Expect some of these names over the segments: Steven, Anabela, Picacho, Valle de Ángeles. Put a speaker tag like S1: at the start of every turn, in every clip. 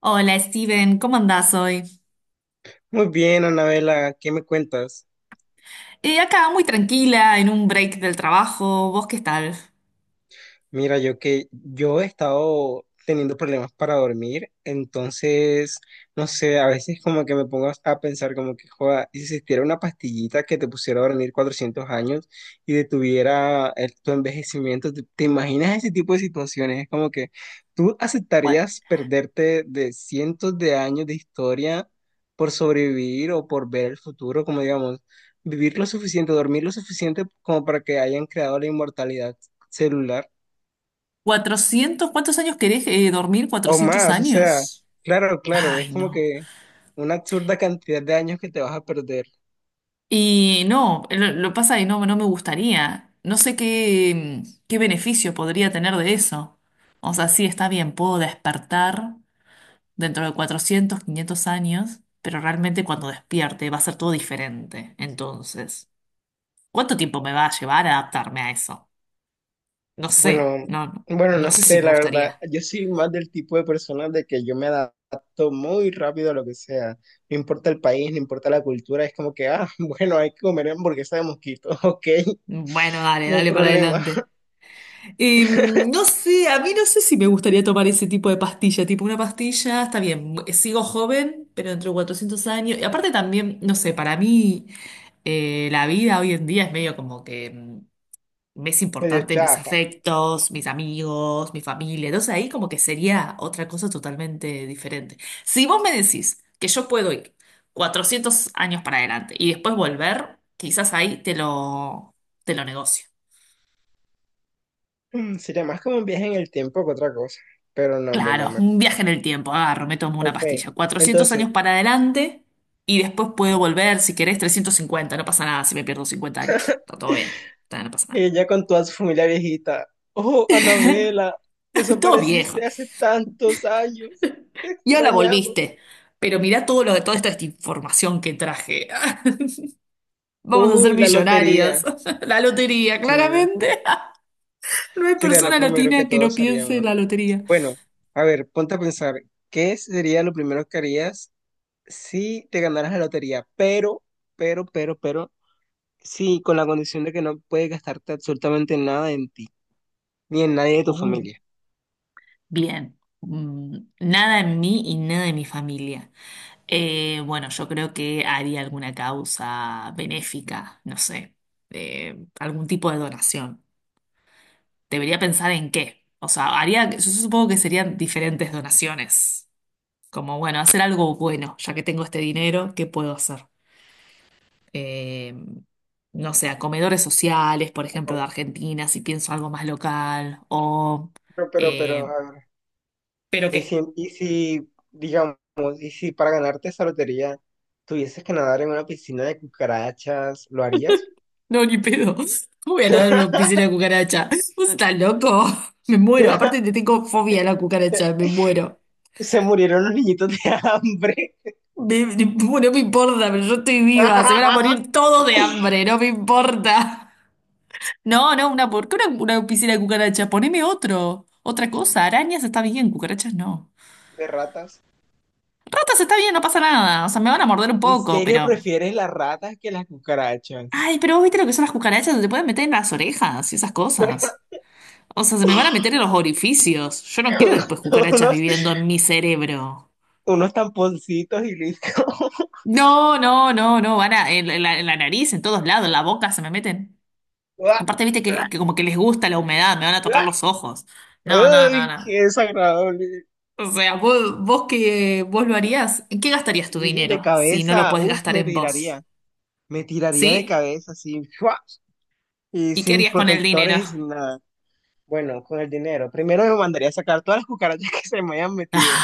S1: Hola Steven, ¿cómo andás hoy?
S2: Muy bien, Anabela, ¿qué me cuentas?
S1: Acá muy tranquila, en un break del trabajo. ¿Vos qué tal?
S2: Mira, yo he estado teniendo problemas para dormir, entonces, no sé, a veces como que me pongo a pensar como que, joda, y si existiera una pastillita que te pusiera a dormir 400 años y detuviera tu envejecimiento, ¿te imaginas ese tipo de situaciones? Es como que tú
S1: Cua-
S2: aceptarías perderte de cientos de años de historia por sobrevivir o por ver el futuro, como digamos, vivir lo suficiente, dormir lo suficiente como para que hayan creado la inmortalidad celular.
S1: ¿400? ¿Cuántos años querés dormir?
S2: O
S1: ¿Cuatrocientos
S2: más, o sea,
S1: años?
S2: claro, claro, es
S1: Ay,
S2: como
S1: no.
S2: que una absurda cantidad de años que te vas a perder.
S1: Y no, lo pasa que no me gustaría. No sé qué, qué beneficio podría tener de eso. O sea, sí, está bien, puedo despertar dentro de 400 500 años, pero realmente cuando despierte va a ser todo diferente. Entonces, ¿cuánto tiempo me va a llevar a adaptarme a eso? No sé,
S2: Bueno, bueno,
S1: no
S2: no
S1: sé si
S2: sé,
S1: me
S2: la verdad,
S1: gustaría.
S2: yo soy más del tipo de persona de que yo me adapto muy rápido a lo que sea, no importa el país, no importa la cultura, es como que, ah, bueno, hay que comer hamburguesa de mosquito, ok,
S1: Bueno, dale,
S2: no hay
S1: dale para
S2: problema,
S1: adelante. No sé, a mí no sé si me gustaría tomar ese tipo de pastilla, tipo una pastilla, está bien, sigo joven, pero entre 400 años, y aparte también, no sé, para mí la vida hoy en día es medio como que... me es
S2: medio
S1: importante mis
S2: chafa.
S1: afectos, mis amigos, mi familia. Entonces ahí como que sería otra cosa totalmente diferente. Si vos me decís que yo puedo ir 400 años para adelante y después volver, quizás ahí te lo negocio.
S2: Sería más como un viaje en el tiempo que otra cosa, pero no, hombre, no
S1: Claro,
S2: me...
S1: un viaje en el tiempo, agarro, me tomo una
S2: Ok,
S1: pastilla. cuatrocientos
S2: entonces...
S1: años para adelante y después puedo volver, si querés, 350. No pasa nada si me pierdo 50 años. Está todo bien, no pasa nada.
S2: Ella con toda su familia viejita. Oh, Anabela,
S1: Todo viejo.
S2: desapareciste hace tantos años. Te
S1: Y ahora
S2: extrañamos.
S1: volviste. Pero mirá todo lo de toda esta información que traje. Vamos a ser
S2: Uy, la lotería.
S1: millonarios. La lotería,
S2: Sí,
S1: claramente. No hay
S2: sería lo
S1: persona
S2: primero que
S1: latina que no
S2: todos
S1: piense en
S2: haríamos.
S1: la lotería.
S2: Bueno, a ver, ponte a pensar, ¿qué sería lo primero que harías si te ganaras la lotería? Pero, sí, con la condición de que no puedes gastarte absolutamente nada en ti, ni en nadie de tu
S1: Oh,
S2: familia.
S1: bien. Mm, nada en mí y nada en mi familia. Bueno, yo creo que haría alguna causa benéfica, no sé, algún tipo de donación. Debería pensar en qué. O sea, haría, yo supongo que serían diferentes donaciones. Como, bueno, hacer algo bueno, ya que tengo este dinero, ¿qué puedo hacer? Eh, no sé, a comedores sociales, por ejemplo, de
S2: Pero,
S1: Argentina, si pienso algo más local, o...
S2: pero,
S1: eh,
S2: a ver.
S1: ¿pero qué?
S2: Digamos, y si para ganarte esa lotería tuvieses que nadar en una piscina de cucarachas, ¿lo harías?
S1: No, ni pedo. ¿Cómo voy a nadar en una piscina de cucaracha? ¿Vos estás loco? Me muero. Aparte, te tengo fobia a la cucaracha, me muero.
S2: Se murieron los niñitos de hambre.
S1: Me- me- no me importa, pero yo estoy viva. Se van a morir todos de hambre, no me importa. No, no, una, ¿por qué una piscina de cucarachas? Poneme otro, otra cosa. Arañas está bien, cucarachas no.
S2: De ratas.
S1: Ratas está bien, no pasa nada. O sea, me van a morder un
S2: ¿En
S1: poco,
S2: serio
S1: pero.
S2: prefieres las ratas que las cucarachas?
S1: Ay, pero vos viste lo que son las cucarachas, se te pueden meter en las orejas y esas cosas. O sea, se me van a meter en los orificios. Yo no quiero
S2: Unos,
S1: después cucarachas
S2: unos,
S1: viviendo en mi cerebro.
S2: unos tamponcitos y listo.
S1: No, no, no, no, en la nariz, en todos lados, en la boca se me meten.
S2: Uah,
S1: Aparte, viste
S2: uah,
S1: que como que les gusta la humedad, me van a tocar
S2: uah.
S1: los ojos. No, no, no,
S2: Ay,
S1: no.
S2: qué desagradable.
S1: O sea, vos lo harías, ¿en qué gastarías tu
S2: Y de
S1: dinero si no lo
S2: cabeza,
S1: puedes
S2: uf,
S1: gastar
S2: me
S1: en vos?
S2: tiraría. Me tiraría de
S1: ¿Sí?
S2: cabeza, así. Fua. Y
S1: ¿Y qué
S2: sin
S1: harías con el
S2: protectores
S1: dinero?
S2: y sin nada. Bueno, con el dinero. Primero me mandaría a sacar todas las cucarachas que se me hayan metido.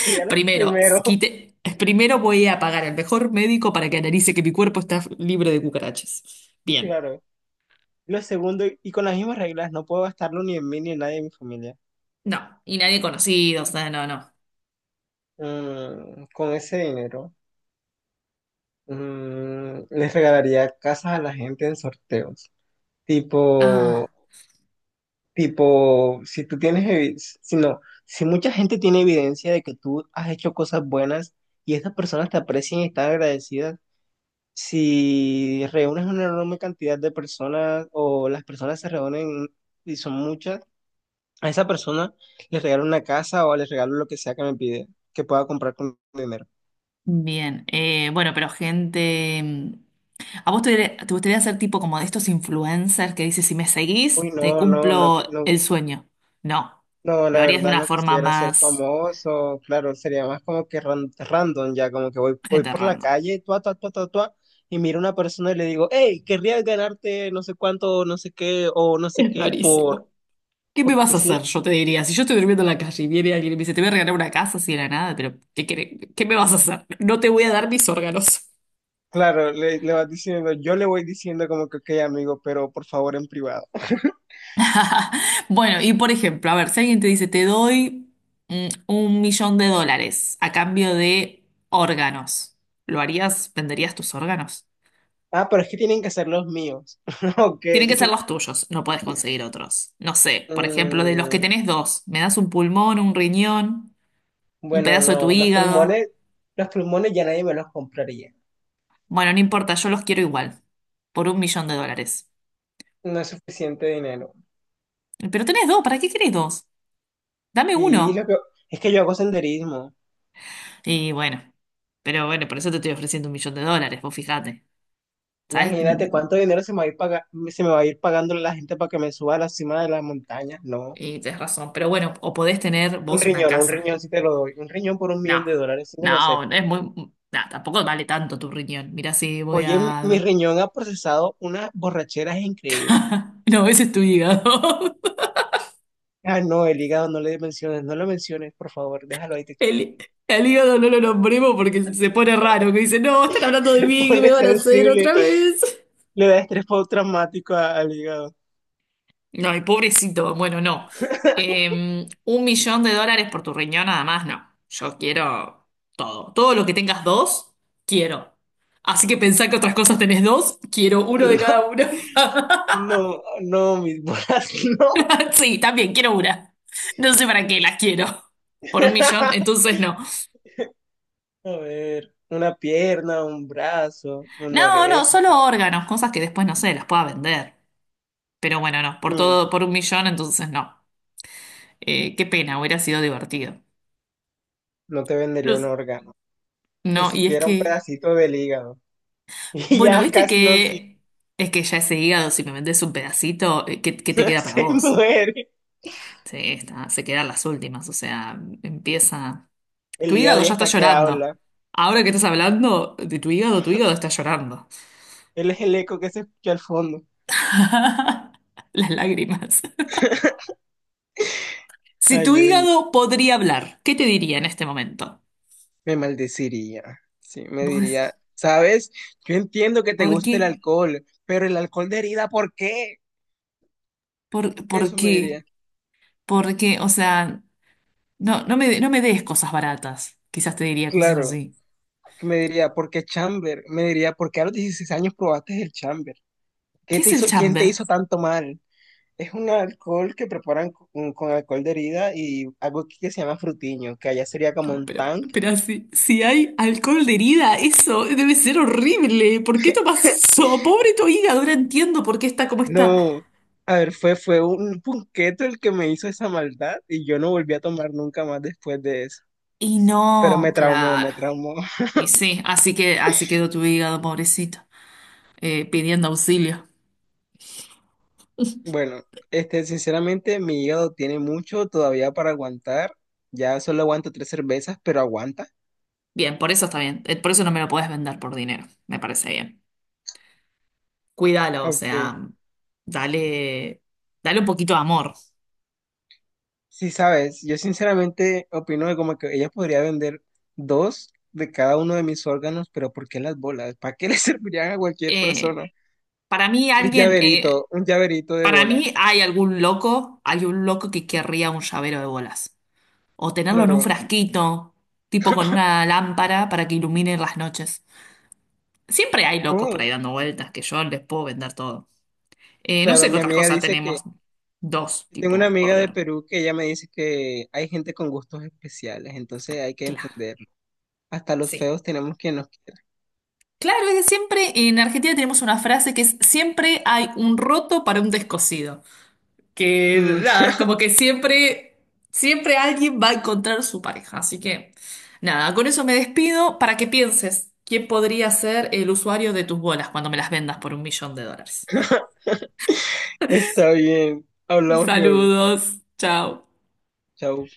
S2: Sería lo
S1: Primero,
S2: primero,
S1: primero voy a pagar al mejor médico para que analice que mi cuerpo está libre de cucarachas. Bien.
S2: claro. Lo segundo, y con las mismas reglas, no puedo gastarlo ni en mí ni en nadie de mi familia.
S1: No, y nadie conocido, o sea, no, no.
S2: Con ese dinero, les regalaría casas a la gente en sorteos. Tipo,
S1: Ah.
S2: tipo, si tú tienes, si no, si mucha gente tiene evidencia de que tú has hecho cosas buenas y estas personas te aprecian y están agradecidas, si reúnes una enorme cantidad de personas o las personas se reúnen y son muchas, a esa persona le regalo una casa o le regalo lo que sea que me pide, que pueda comprar con mi dinero.
S1: Bien, bueno, pero gente, ¿a vos te gustaría ser tipo como de estos influencers que dices, si me
S2: Uy,
S1: seguís, te
S2: no, no, no,
S1: cumplo
S2: no,
S1: el sueño? No,
S2: no,
S1: lo
S2: la
S1: harías de
S2: verdad
S1: una
S2: no
S1: forma
S2: quisiera ser
S1: más
S2: famoso, claro, sería más como que random ya, como que voy,
S1: gente
S2: por la
S1: random.
S2: calle, tua, tua, tua, tua, tua, y miro a una persona y le digo, hey, querrías ganarte no sé cuánto, no sé qué, o no sé
S1: Es
S2: qué, por,
S1: rarísimo. ¿Qué me vas
S2: porque
S1: a
S2: sí.
S1: hacer? Yo te diría, si yo estoy durmiendo en la calle y viene alguien y me dice, te voy a regalar una casa así de la nada, pero ¿qué, querés? ¿Qué me vas a hacer? No te voy a dar mis órganos.
S2: Claro, le vas diciendo, yo le voy diciendo como que, ok, amigo, pero por favor en privado.
S1: Bueno, y por ejemplo, a ver, si alguien te dice, te doy $1 millón a cambio de órganos, ¿lo harías? ¿Venderías tus órganos?
S2: Ah, pero es que tienen que ser los míos. Ok.
S1: Tienen que ser los tuyos, no puedes conseguir otros. No sé, por ejemplo, de los que
S2: Mm,
S1: tenés dos, me das un pulmón, un riñón, un
S2: bueno,
S1: pedazo de tu
S2: no, los
S1: hígado.
S2: pulmones, los pulmones ya nadie me los compraría.
S1: Bueno, no importa, yo los quiero igual, por $1 millón.
S2: No es suficiente dinero.
S1: Pero tenés dos, ¿para qué querés dos? Dame
S2: Sí, lo
S1: uno.
S2: que, es que yo hago senderismo.
S1: Y bueno, pero bueno, por eso te estoy ofreciendo $1 millón, vos fijate. ¿Sabes?
S2: Imagínate cuánto dinero se me va a ir, se me va a ir pagando la gente para que me suba a la cima de las montañas. No.
S1: Y tenés razón, pero bueno, o podés tener vos una
S2: Un
S1: casa.
S2: riñón sí te lo doy. Un riñón por un
S1: No,
S2: millón de dólares, sí me lo
S1: no, no
S2: acepto.
S1: es muy... No, tampoco vale tanto tu riñón. Mira, si voy
S2: Oye, mi
S1: a...
S2: riñón ha procesado unas borracheras increíbles.
S1: No, ese es tu hígado.
S2: Ah, no, el hígado no le menciones, no lo menciones, por favor, déjalo ahí. Te
S1: El, el hígado no lo nombremos porque se pone raro, que dice, no, están hablando de
S2: te
S1: mí, ¿qué me
S2: pone
S1: van a hacer
S2: sensible,
S1: otra vez?
S2: le da estrés postraumático al hígado.
S1: No, y pobrecito, bueno, no. Un millón de dólares por tu riñón nada más, no. Yo quiero todo. Todo lo que tengas dos, quiero. Así que pensá que otras cosas tenés dos, quiero uno de
S2: No,
S1: cada uno.
S2: no, no, mis bolas, no.
S1: Sí, también quiero una. No sé para qué las quiero. Por un millón, entonces no.
S2: A ver, una pierna, un brazo, una
S1: No, no,
S2: oreja.
S1: solo órganos, cosas que después no sé, las pueda vender. Pero bueno, no, por
S2: Mm,
S1: todo, por 1 millón, entonces no. Qué pena, hubiera sido divertido.
S2: no te
S1: No,
S2: vendería un
S1: sé.
S2: órgano, ni
S1: No, y es
S2: siquiera un
S1: que,
S2: pedacito del hígado. Y
S1: bueno,
S2: ya
S1: viste
S2: casi no sirve,
S1: que es que ya ese hígado, si me vendes un pedacito, ¿qué, qué te queda para
S2: se
S1: vos?
S2: muere.
S1: Sí, está, se quedan las últimas, o sea, empieza. Tu
S2: El hígado
S1: hígado
S2: ya
S1: ya está
S2: está que
S1: llorando.
S2: habla.
S1: Ahora que estás hablando de tu hígado está llorando.
S2: Él es el eco que se escucha al fondo.
S1: Las lágrimas. Si tu
S2: Ay, oye,
S1: hígado podría hablar, ¿qué te diría en este momento?
S2: me maldeciría. Sí, me
S1: Vos decís,
S2: diría, ¿sabes? Yo entiendo que te
S1: ¿por
S2: gusta el
S1: qué?
S2: alcohol, pero el alcohol de herida, ¿por qué?
S1: Por
S2: Eso me
S1: qué?
S2: diría.
S1: ¿Por qué? O sea, no me des cosas baratas. Quizás te diría cosas
S2: Claro,
S1: así.
S2: me diría, ¿por qué chamber? Me diría, ¿por qué a los 16 años probaste el chamber? ¿Qué
S1: ¿Qué
S2: te
S1: es el
S2: hizo, quién te
S1: chamber?
S2: hizo tanto mal? Es un alcohol que preparan con alcohol de herida y algo que se llama frutiño, que allá sería como
S1: No,
S2: un tan.
S1: pero si, si hay alcohol de herida, eso debe ser horrible. ¿Por qué tomas eso? Pobre tu hígado, ahora entiendo por qué está como está.
S2: No, a ver, fue un punqueto el que me hizo esa maldad y yo no volví a tomar nunca más después de eso.
S1: Y
S2: Pero
S1: no,
S2: me traumó,
S1: claro.
S2: me traumó.
S1: Y sí, así que así quedó tu hígado, pobrecito. Pidiendo auxilio.
S2: Bueno, sinceramente, mi hígado tiene mucho todavía para aguantar. Ya solo aguanto tres cervezas, pero aguanta.
S1: Bien, por eso está bien. Por eso no me lo podés vender por dinero. Me parece bien. Cuídalo, o
S2: Ok.
S1: sea, dale, dale un poquito de amor.
S2: Sí, sabes, yo sinceramente opino que como que ella podría vender dos de cada uno de mis órganos, pero ¿por qué las bolas? ¿Para qué le servirían a cualquier
S1: Eh,
S2: persona?
S1: para mí
S2: El
S1: alguien,
S2: llaverito, un llaverito de
S1: para mí
S2: bolas.
S1: hay algún loco, hay un loco que querría un llavero de bolas. O tenerlo en un
S2: Claro.
S1: frasquito, tipo con una lámpara para que ilumine las noches. Siempre hay locos por
S2: Oh.
S1: ahí dando vueltas que yo les puedo vender todo. No
S2: Claro,
S1: sé qué
S2: mi
S1: otras
S2: amiga
S1: cosas
S2: dice que,
S1: tenemos. Dos,
S2: tengo una
S1: tipo
S2: amiga de
S1: órgano.
S2: Perú que ella me dice que hay gente con gustos especiales, entonces hay que
S1: Claro.
S2: entender. Hasta los
S1: Sí.
S2: feos tenemos que nos...
S1: Claro, es que siempre en Argentina tenemos una frase que es siempre hay un roto para un descosido. Que
S2: Mm,
S1: nada, es como que siempre, siempre alguien va a encontrar su pareja. Así que nada, con eso me despido para que pienses quién podría ser el usuario de tus bolas cuando me las vendas por $1 millón.
S2: está bien, hablamos luego.
S1: Saludos, chao.
S2: Chao.